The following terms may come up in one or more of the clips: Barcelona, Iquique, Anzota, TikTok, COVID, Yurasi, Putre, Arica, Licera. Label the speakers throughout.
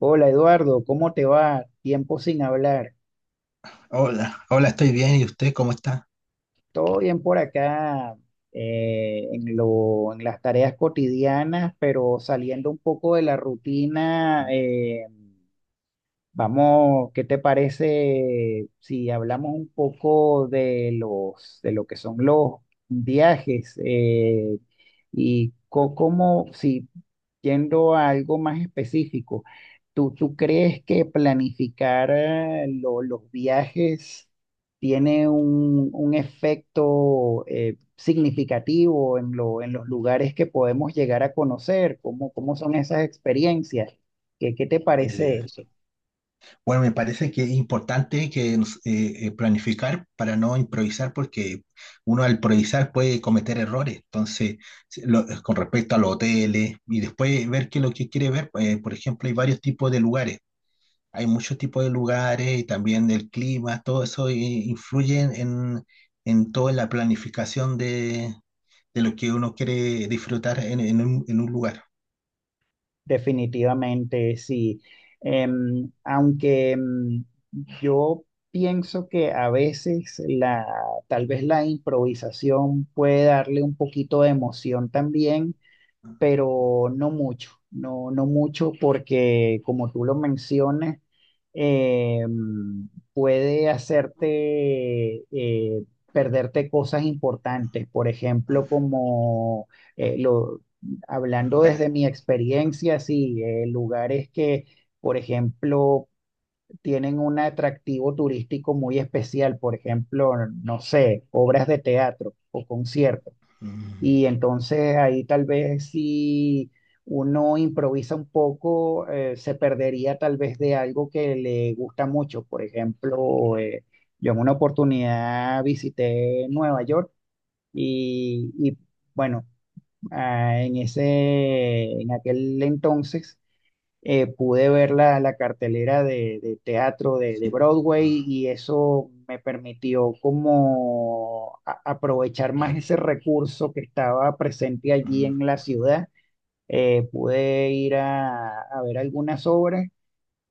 Speaker 1: Hola Eduardo, ¿cómo te va? Tiempo sin hablar.
Speaker 2: Hola, hola, estoy bien. ¿Y usted cómo está?
Speaker 1: Todo bien por acá, en las tareas cotidianas, pero saliendo un poco de la rutina. Vamos, ¿qué te parece si hablamos un poco de lo que son los viajes, y cómo, si yendo a algo más específico, ¿tú crees que planificar, los viajes tiene un efecto, significativo en los lugares que podemos llegar a conocer? ¿Cómo son esas experiencias? ¿Qué te parece
Speaker 2: Eh,
Speaker 1: eso?
Speaker 2: bueno, me parece que es importante que planificar para no improvisar, porque uno al improvisar puede cometer errores. Entonces, con respecto a los hoteles y después ver qué es lo que quiere ver, por ejemplo, hay varios tipos de lugares. Hay muchos tipos de lugares y también del clima, todo eso influye en toda la planificación de lo que uno quiere disfrutar en un lugar.
Speaker 1: Definitivamente, sí. Aunque yo pienso que a veces tal vez la improvisación puede darle un poquito de emoción también,
Speaker 2: ¿No?
Speaker 1: pero no mucho, no, no mucho porque, como tú lo mencionas, eh, puede hacerte, perderte cosas importantes, por ejemplo,
Speaker 2: Ah,
Speaker 1: como eh, lo,
Speaker 2: los
Speaker 1: hablando desde
Speaker 2: lugares.
Speaker 1: mi experiencia, sí, lugares que, por ejemplo, tienen un atractivo turístico muy especial. Por ejemplo, no sé, obras de teatro o conciertos,
Speaker 2: Mm,
Speaker 1: y entonces ahí tal vez si uno improvisa un poco, se perdería tal vez de algo que le gusta mucho. Por ejemplo, yo en una oportunidad visité Nueva York y, bueno, ah, en ese, en aquel entonces, pude ver la cartelera de teatro de
Speaker 2: sí.
Speaker 1: Broadway,
Speaker 2: Ah,
Speaker 1: y eso me permitió como aprovechar
Speaker 2: a
Speaker 1: más ese
Speaker 2: ver.
Speaker 1: recurso que estaba presente allí
Speaker 2: Mm,
Speaker 1: en la ciudad. Pude ir a ver algunas obras,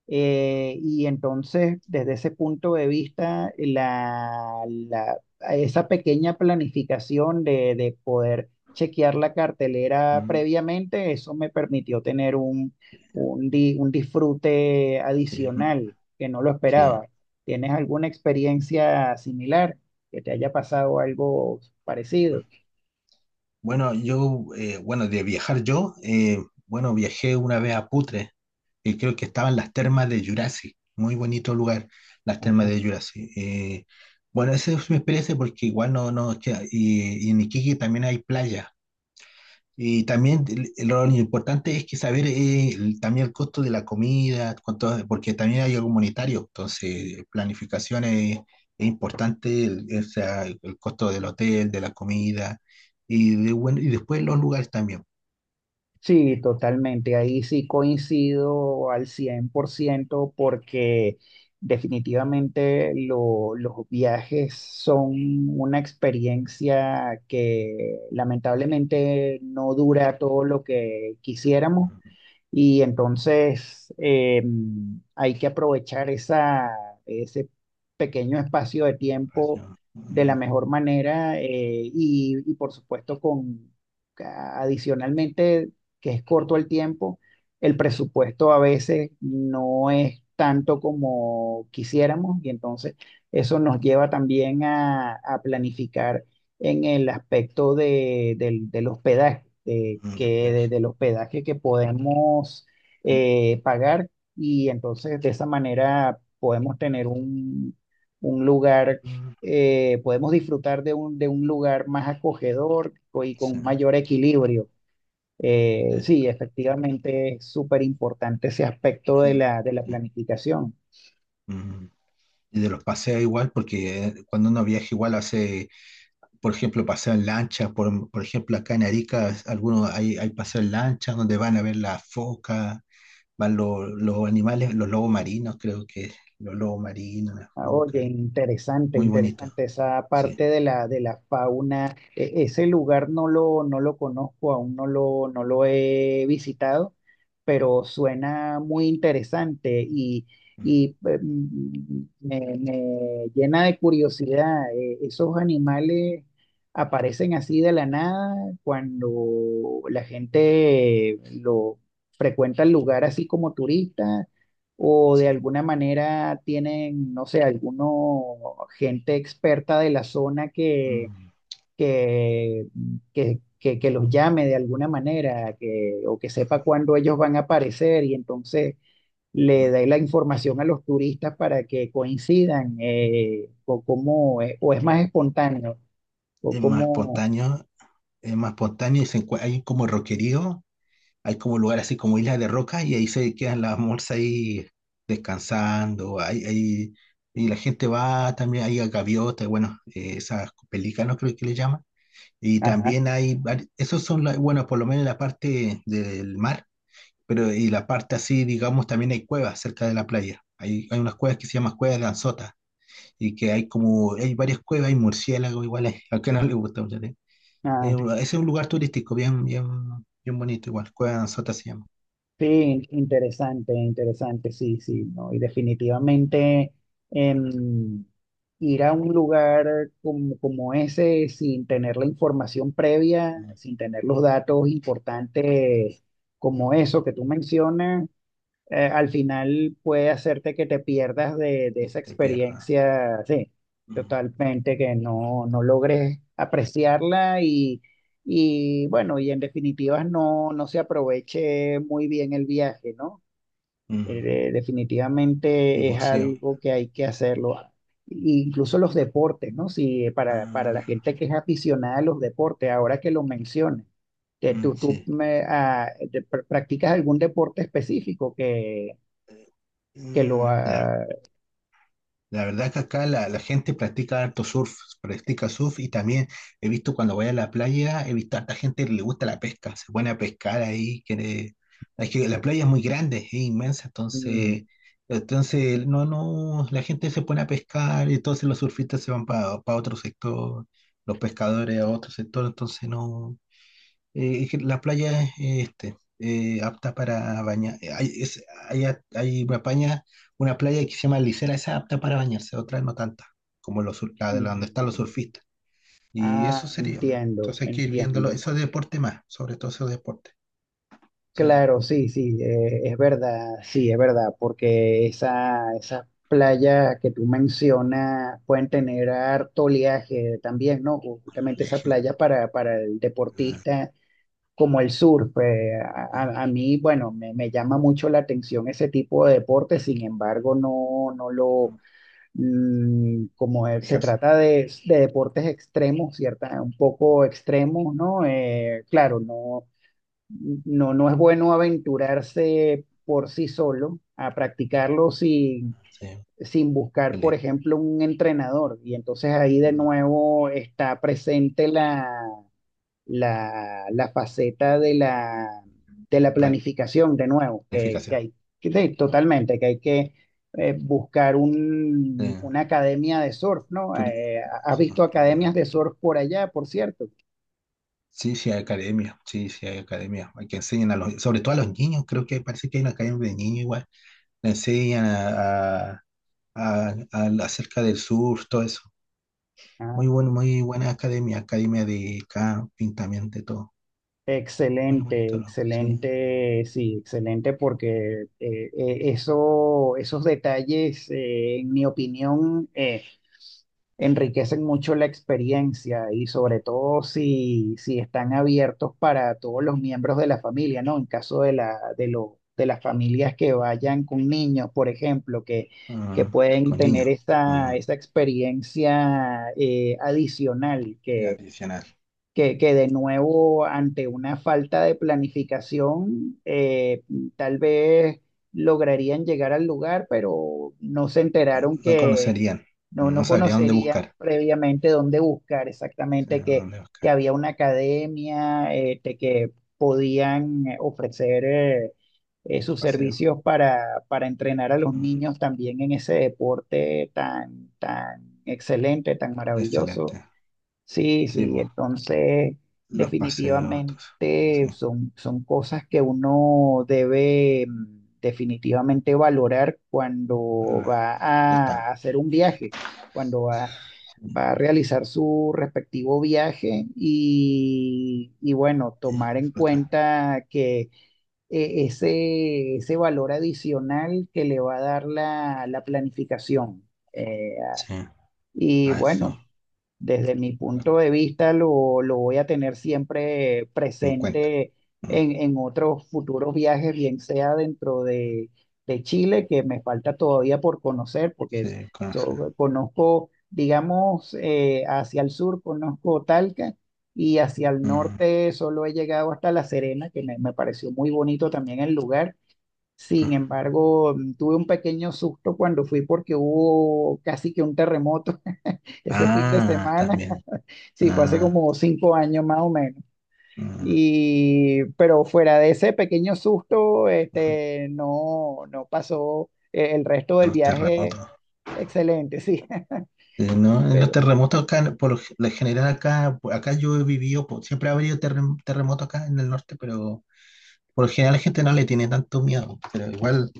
Speaker 1: y entonces, desde ese punto de vista, esa pequeña planificación de poder chequear la cartelera
Speaker 2: mm,
Speaker 1: previamente, eso me permitió tener un disfrute
Speaker 2: sí, mm,
Speaker 1: adicional que no lo
Speaker 2: sí.
Speaker 1: esperaba. ¿Tienes alguna experiencia similar que te haya pasado algo parecido?
Speaker 2: Bueno, bueno, bueno, viajé una vez a Putre, y creo que estaban las termas de Yurasi, muy bonito lugar, las termas de Yurasi. Bueno, esa es mi experiencia porque igual no, no, queda- y en Iquique también hay playa. Y también lo importante es que saber también el costo de la comida, cuánto, porque también hay algo monetario, entonces es importante, o sea, el costo del hotel, de la comida bueno, y después los lugares también.
Speaker 1: Sí, totalmente. Ahí sí coincido al 100%, porque definitivamente los viajes son una experiencia que lamentablemente no dura todo lo que quisiéramos,
Speaker 2: Mm,
Speaker 1: y entonces, hay que aprovechar ese pequeño espacio de tiempo
Speaker 2: pasión,
Speaker 1: de la
Speaker 2: mm,
Speaker 1: mejor manera, y, por supuesto, con adicionalmente que es corto el tiempo, el presupuesto a veces no es tanto como quisiéramos, y entonces eso nos lleva también a planificar en el aspecto del hospedaje,
Speaker 2: mm,
Speaker 1: que
Speaker 2: hospedaje.
Speaker 1: desde el hospedaje que podemos, pagar, y entonces de esa manera podemos tener un, lugar,
Speaker 2: Mm,
Speaker 1: podemos disfrutar de un lugar más acogedor y
Speaker 2: sí,
Speaker 1: con mayor equilibrio. Eh,
Speaker 2: sí,
Speaker 1: sí, efectivamente es súper importante ese aspecto
Speaker 2: sí.
Speaker 1: de la planificación.
Speaker 2: mm. Y de los paseos igual, porque cuando uno viaja igual hace, por ejemplo, paseo en lancha, por ejemplo, acá en Arica, algunos hay, hay paseo en lancha donde van a ver las focas, van los animales, los lobos marinos, creo que los lobos marinos, las
Speaker 1: Ah, oye,
Speaker 2: focas,
Speaker 1: interesante,
Speaker 2: muy bonito,
Speaker 1: interesante esa
Speaker 2: sí.
Speaker 1: parte de la fauna. Ese lugar no lo, conozco, aún no lo, he visitado, pero suena muy interesante, y,
Speaker 2: Mm.
Speaker 1: y me, llena de curiosidad. Esos animales aparecen así de la nada cuando la gente lo frecuenta el lugar así como turista, o de alguna manera tienen, no sé, alguno gente experta de la zona
Speaker 2: mm,
Speaker 1: que, que los llame de alguna manera, que, o que sepa cuándo ellos van a aparecer, y entonces le dé
Speaker 2: mm.
Speaker 1: la información a los turistas para que coincidan, o cómo, o es más espontáneo, o
Speaker 2: Es más
Speaker 1: cómo,
Speaker 2: espontáneo, es más espontáneo y hay como roquerío, hay como lugar así como islas de roca y ahí se quedan las morsas ahí descansando, y la gente va también, hay gaviotas, bueno, esas pelícanos creo que le llaman. Y
Speaker 1: ajá.
Speaker 2: también esos son, bueno, por lo menos la parte del mar, pero y la parte así, digamos, también hay cuevas cerca de la playa. Hay unas cuevas que se llaman cuevas de Anzota y que hay como, hay varias cuevas, hay murciélagos igual, hay, al que no le gusta mucho. ¿Sí? Ese es un lugar turístico bien bonito igual, cuevas de Anzota se llama.
Speaker 1: Sí, interesante, interesante, sí, sí, ¿no? Y definitivamente, em, ir a un lugar como ese sin tener la información previa,
Speaker 2: Mm,
Speaker 1: sin tener los datos importantes como eso que tú mencionas, al final puede hacerte que te pierdas de
Speaker 2: y
Speaker 1: esa
Speaker 2: te pierdas.
Speaker 1: experiencia, sí,
Speaker 2: Mm,
Speaker 1: totalmente, que no, no logres apreciarla, y bueno, y en definitiva no, no se aproveche muy bien el viaje, ¿no? Eh,
Speaker 2: mm,
Speaker 1: de-
Speaker 2: y
Speaker 1: definitivamente es
Speaker 2: museo.
Speaker 1: algo que hay que hacerlo. Ah, incluso los deportes, ¿no? Si para la
Speaker 2: Ah,
Speaker 1: gente que es aficionada a los deportes, ahora que lo mencionas, que
Speaker 2: mm,
Speaker 1: tú
Speaker 2: sí.
Speaker 1: me, ah, te- pr- practicas algún deporte específico que
Speaker 2: Mm,
Speaker 1: lo
Speaker 2: la-
Speaker 1: ha...
Speaker 2: La verdad que acá la gente practica harto surf, practica surf y también he visto cuando voy a la playa, he visto a harta gente que le gusta la pesca, se pone a pescar ahí, es que la playa es muy grande, es inmensa,
Speaker 1: mm,
Speaker 2: entonces, entonces no, no, la gente se pone a pescar y entonces los surfistas se van para otro sector, los pescadores a otro sector, entonces no. Es que la playa es apta para bañar. Hay, es- hay, a- Hay una playa que se llama Licera, esa es apta para bañarse, otra no tanta, como la de la donde están los
Speaker 1: mm,
Speaker 2: surfistas. Y eso
Speaker 1: ah,
Speaker 2: sería. ¿No?
Speaker 1: entiendo,
Speaker 2: Entonces hay que ir viéndolo,
Speaker 1: entiendo.
Speaker 2: esos deportes más, sobre todo esos deportes. ¿Sabes?
Speaker 1: Claro, sí, sí, es verdad, sí, es verdad, porque esas playas que tú mencionas pueden tener harto oleaje también, ¿no? Justamente esa
Speaker 2: Viaje,
Speaker 1: playa para el
Speaker 2: ah,
Speaker 1: deportista, como el surf. A mí, bueno, me llama mucho la atención ese tipo de deporte. Sin embargo, no, no lo...
Speaker 2: ah,
Speaker 1: Como se
Speaker 2: ejercicio,
Speaker 1: trata de deportes extremos, un poco extremos, ¿no? Claro, no, no, no es bueno aventurarse por sí solo a practicarlo sin,
Speaker 2: sí,
Speaker 1: sin buscar, por
Speaker 2: pele-
Speaker 1: ejemplo, un entrenador. Y entonces ahí de
Speaker 2: mm,
Speaker 1: nuevo está presente la, faceta de la planificación, de nuevo, que
Speaker 2: planificación,
Speaker 1: hay, que sí, totalmente, que hay que buscar
Speaker 2: eh,
Speaker 1: una academia de surf, ¿no?
Speaker 2: turi-
Speaker 1: ¿Has
Speaker 2: sí,
Speaker 1: visto
Speaker 2: ¿qué
Speaker 1: academias
Speaker 2: más?
Speaker 1: de surf por allá, por cierto?
Speaker 2: Sí, sí hay academia, sí, sí hay academia. Hay que enseñan a los, sobre todo a los niños, creo que parece que hay una academia de niños igual. Le enseñan acerca del surf, todo eso.
Speaker 1: Ah,
Speaker 2: Muy bueno, muy buena academia, academia de camping también, de todo. Muy
Speaker 1: excelente,
Speaker 2: bonito, ¿no? Sí.
Speaker 1: excelente, sí, excelente, porque esos detalles, en mi opinión, enriquecen mucho la experiencia, y sobre todo si, si están abiertos para todos los miembros de la familia, ¿no? En caso de la, de las familias que vayan con niños, por ejemplo, que
Speaker 2: Ah,
Speaker 1: pueden
Speaker 2: con
Speaker 1: tener
Speaker 2: niños.
Speaker 1: esa,
Speaker 2: Ah,
Speaker 1: esa experiencia, adicional,
Speaker 2: sí, adicional.
Speaker 1: que de nuevo, ante una falta de planificación, tal vez lograrían llegar al lugar, pero no se enteraron
Speaker 2: No
Speaker 1: que
Speaker 2: conocerían,
Speaker 1: no,
Speaker 2: no
Speaker 1: no
Speaker 2: sabría dónde
Speaker 1: conocerían
Speaker 2: buscar.
Speaker 1: previamente dónde buscar
Speaker 2: Sí,
Speaker 1: exactamente, que,
Speaker 2: dónde
Speaker 1: que
Speaker 2: buscar.
Speaker 1: había una academia, de que podían ofrecer sus
Speaker 2: Paseo.
Speaker 1: servicios para entrenar a los
Speaker 2: Ah,
Speaker 1: niños también en ese deporte tan, tan excelente, tan maravilloso.
Speaker 2: excelente.
Speaker 1: Sí,
Speaker 2: Sí,
Speaker 1: sí,
Speaker 2: pues,
Speaker 1: entonces
Speaker 2: los paseos, todo eso. Sí.
Speaker 1: definitivamente son, cosas que uno debe, definitivamente, valorar cuando
Speaker 2: Ah,
Speaker 1: va
Speaker 2: ya
Speaker 1: a
Speaker 2: está.
Speaker 1: hacer un viaje, cuando va, a realizar su respectivo viaje, y bueno, tomar en
Speaker 2: Disfruta.
Speaker 1: cuenta que, ese, valor adicional que le va a dar la planificación. Eh,
Speaker 2: Sí,
Speaker 1: y
Speaker 2: a
Speaker 1: bueno.
Speaker 2: eso,
Speaker 1: Desde mi
Speaker 2: los
Speaker 1: punto de vista, lo, voy a tener siempre
Speaker 2: 50.
Speaker 1: presente
Speaker 2: Mm,
Speaker 1: en, otros futuros viajes, bien sea dentro de, Chile, que me falta todavía por conocer, porque
Speaker 2: Sí, conoce.
Speaker 1: yo conozco, digamos, hacia el sur conozco Talca, y hacia el
Speaker 2: Mm,
Speaker 1: norte solo he llegado hasta La Serena, que me, pareció muy bonito también el lugar. Sin
Speaker 2: mm.
Speaker 1: embargo, tuve un pequeño susto cuando fui porque hubo casi que un terremoto ese fin de
Speaker 2: Ah,
Speaker 1: semana.
Speaker 2: también.
Speaker 1: Sí, fue hace
Speaker 2: Ah.
Speaker 1: como 5 años más o menos.
Speaker 2: mm,
Speaker 1: Y pero, fuera de ese pequeño susto,
Speaker 2: mm.
Speaker 1: este, no, no pasó, el resto
Speaker 2: A
Speaker 1: del
Speaker 2: los
Speaker 1: viaje
Speaker 2: terremotos.
Speaker 1: excelente, sí.
Speaker 2: Sí, no, en los
Speaker 1: Pero,
Speaker 2: terremotos acá, por lo lo general acá, acá yo he vivido, siempre ha habido terremotos acá en el norte, pero por lo general la gente no le tiene tanto miedo. Pero igual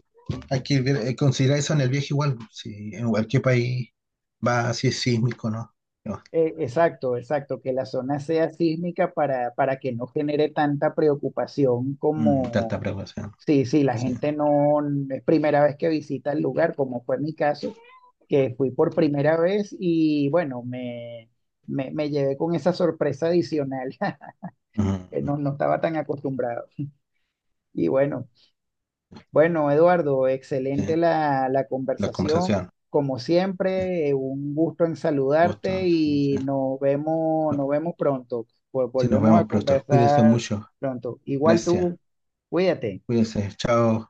Speaker 2: considerar eso en el viaje igual, si en cualquier país va así es sísmico, ¿no? No,
Speaker 1: exacto, exacto, que la zona sea sísmica para que no genere tanta preocupación
Speaker 2: mm, tanta
Speaker 1: como,
Speaker 2: precaución.
Speaker 1: sí, sí, la
Speaker 2: Sí.
Speaker 1: gente no, es primera vez que visita el lugar, como fue mi caso, que fui por primera vez, y bueno, me llevé con esa sorpresa adicional.
Speaker 2: Mm,
Speaker 1: No, no estaba tan acostumbrado. Y bueno, bueno, Eduardo, excelente
Speaker 2: sí.
Speaker 1: la
Speaker 2: La conversación.
Speaker 1: conversación. Como
Speaker 2: Sí.
Speaker 1: siempre, un gusto en
Speaker 2: Gusto.
Speaker 1: saludarte,
Speaker 2: Sí, sí.
Speaker 1: y
Speaker 2: No.
Speaker 1: nos vemos pronto. Vol-
Speaker 2: Sí, nos
Speaker 1: Volvemos a
Speaker 2: vemos pronto. Cuídense
Speaker 1: conversar
Speaker 2: mucho.
Speaker 1: pronto. Igual
Speaker 2: Gracias.
Speaker 1: tú, cuídate.
Speaker 2: Cuídense. Chao.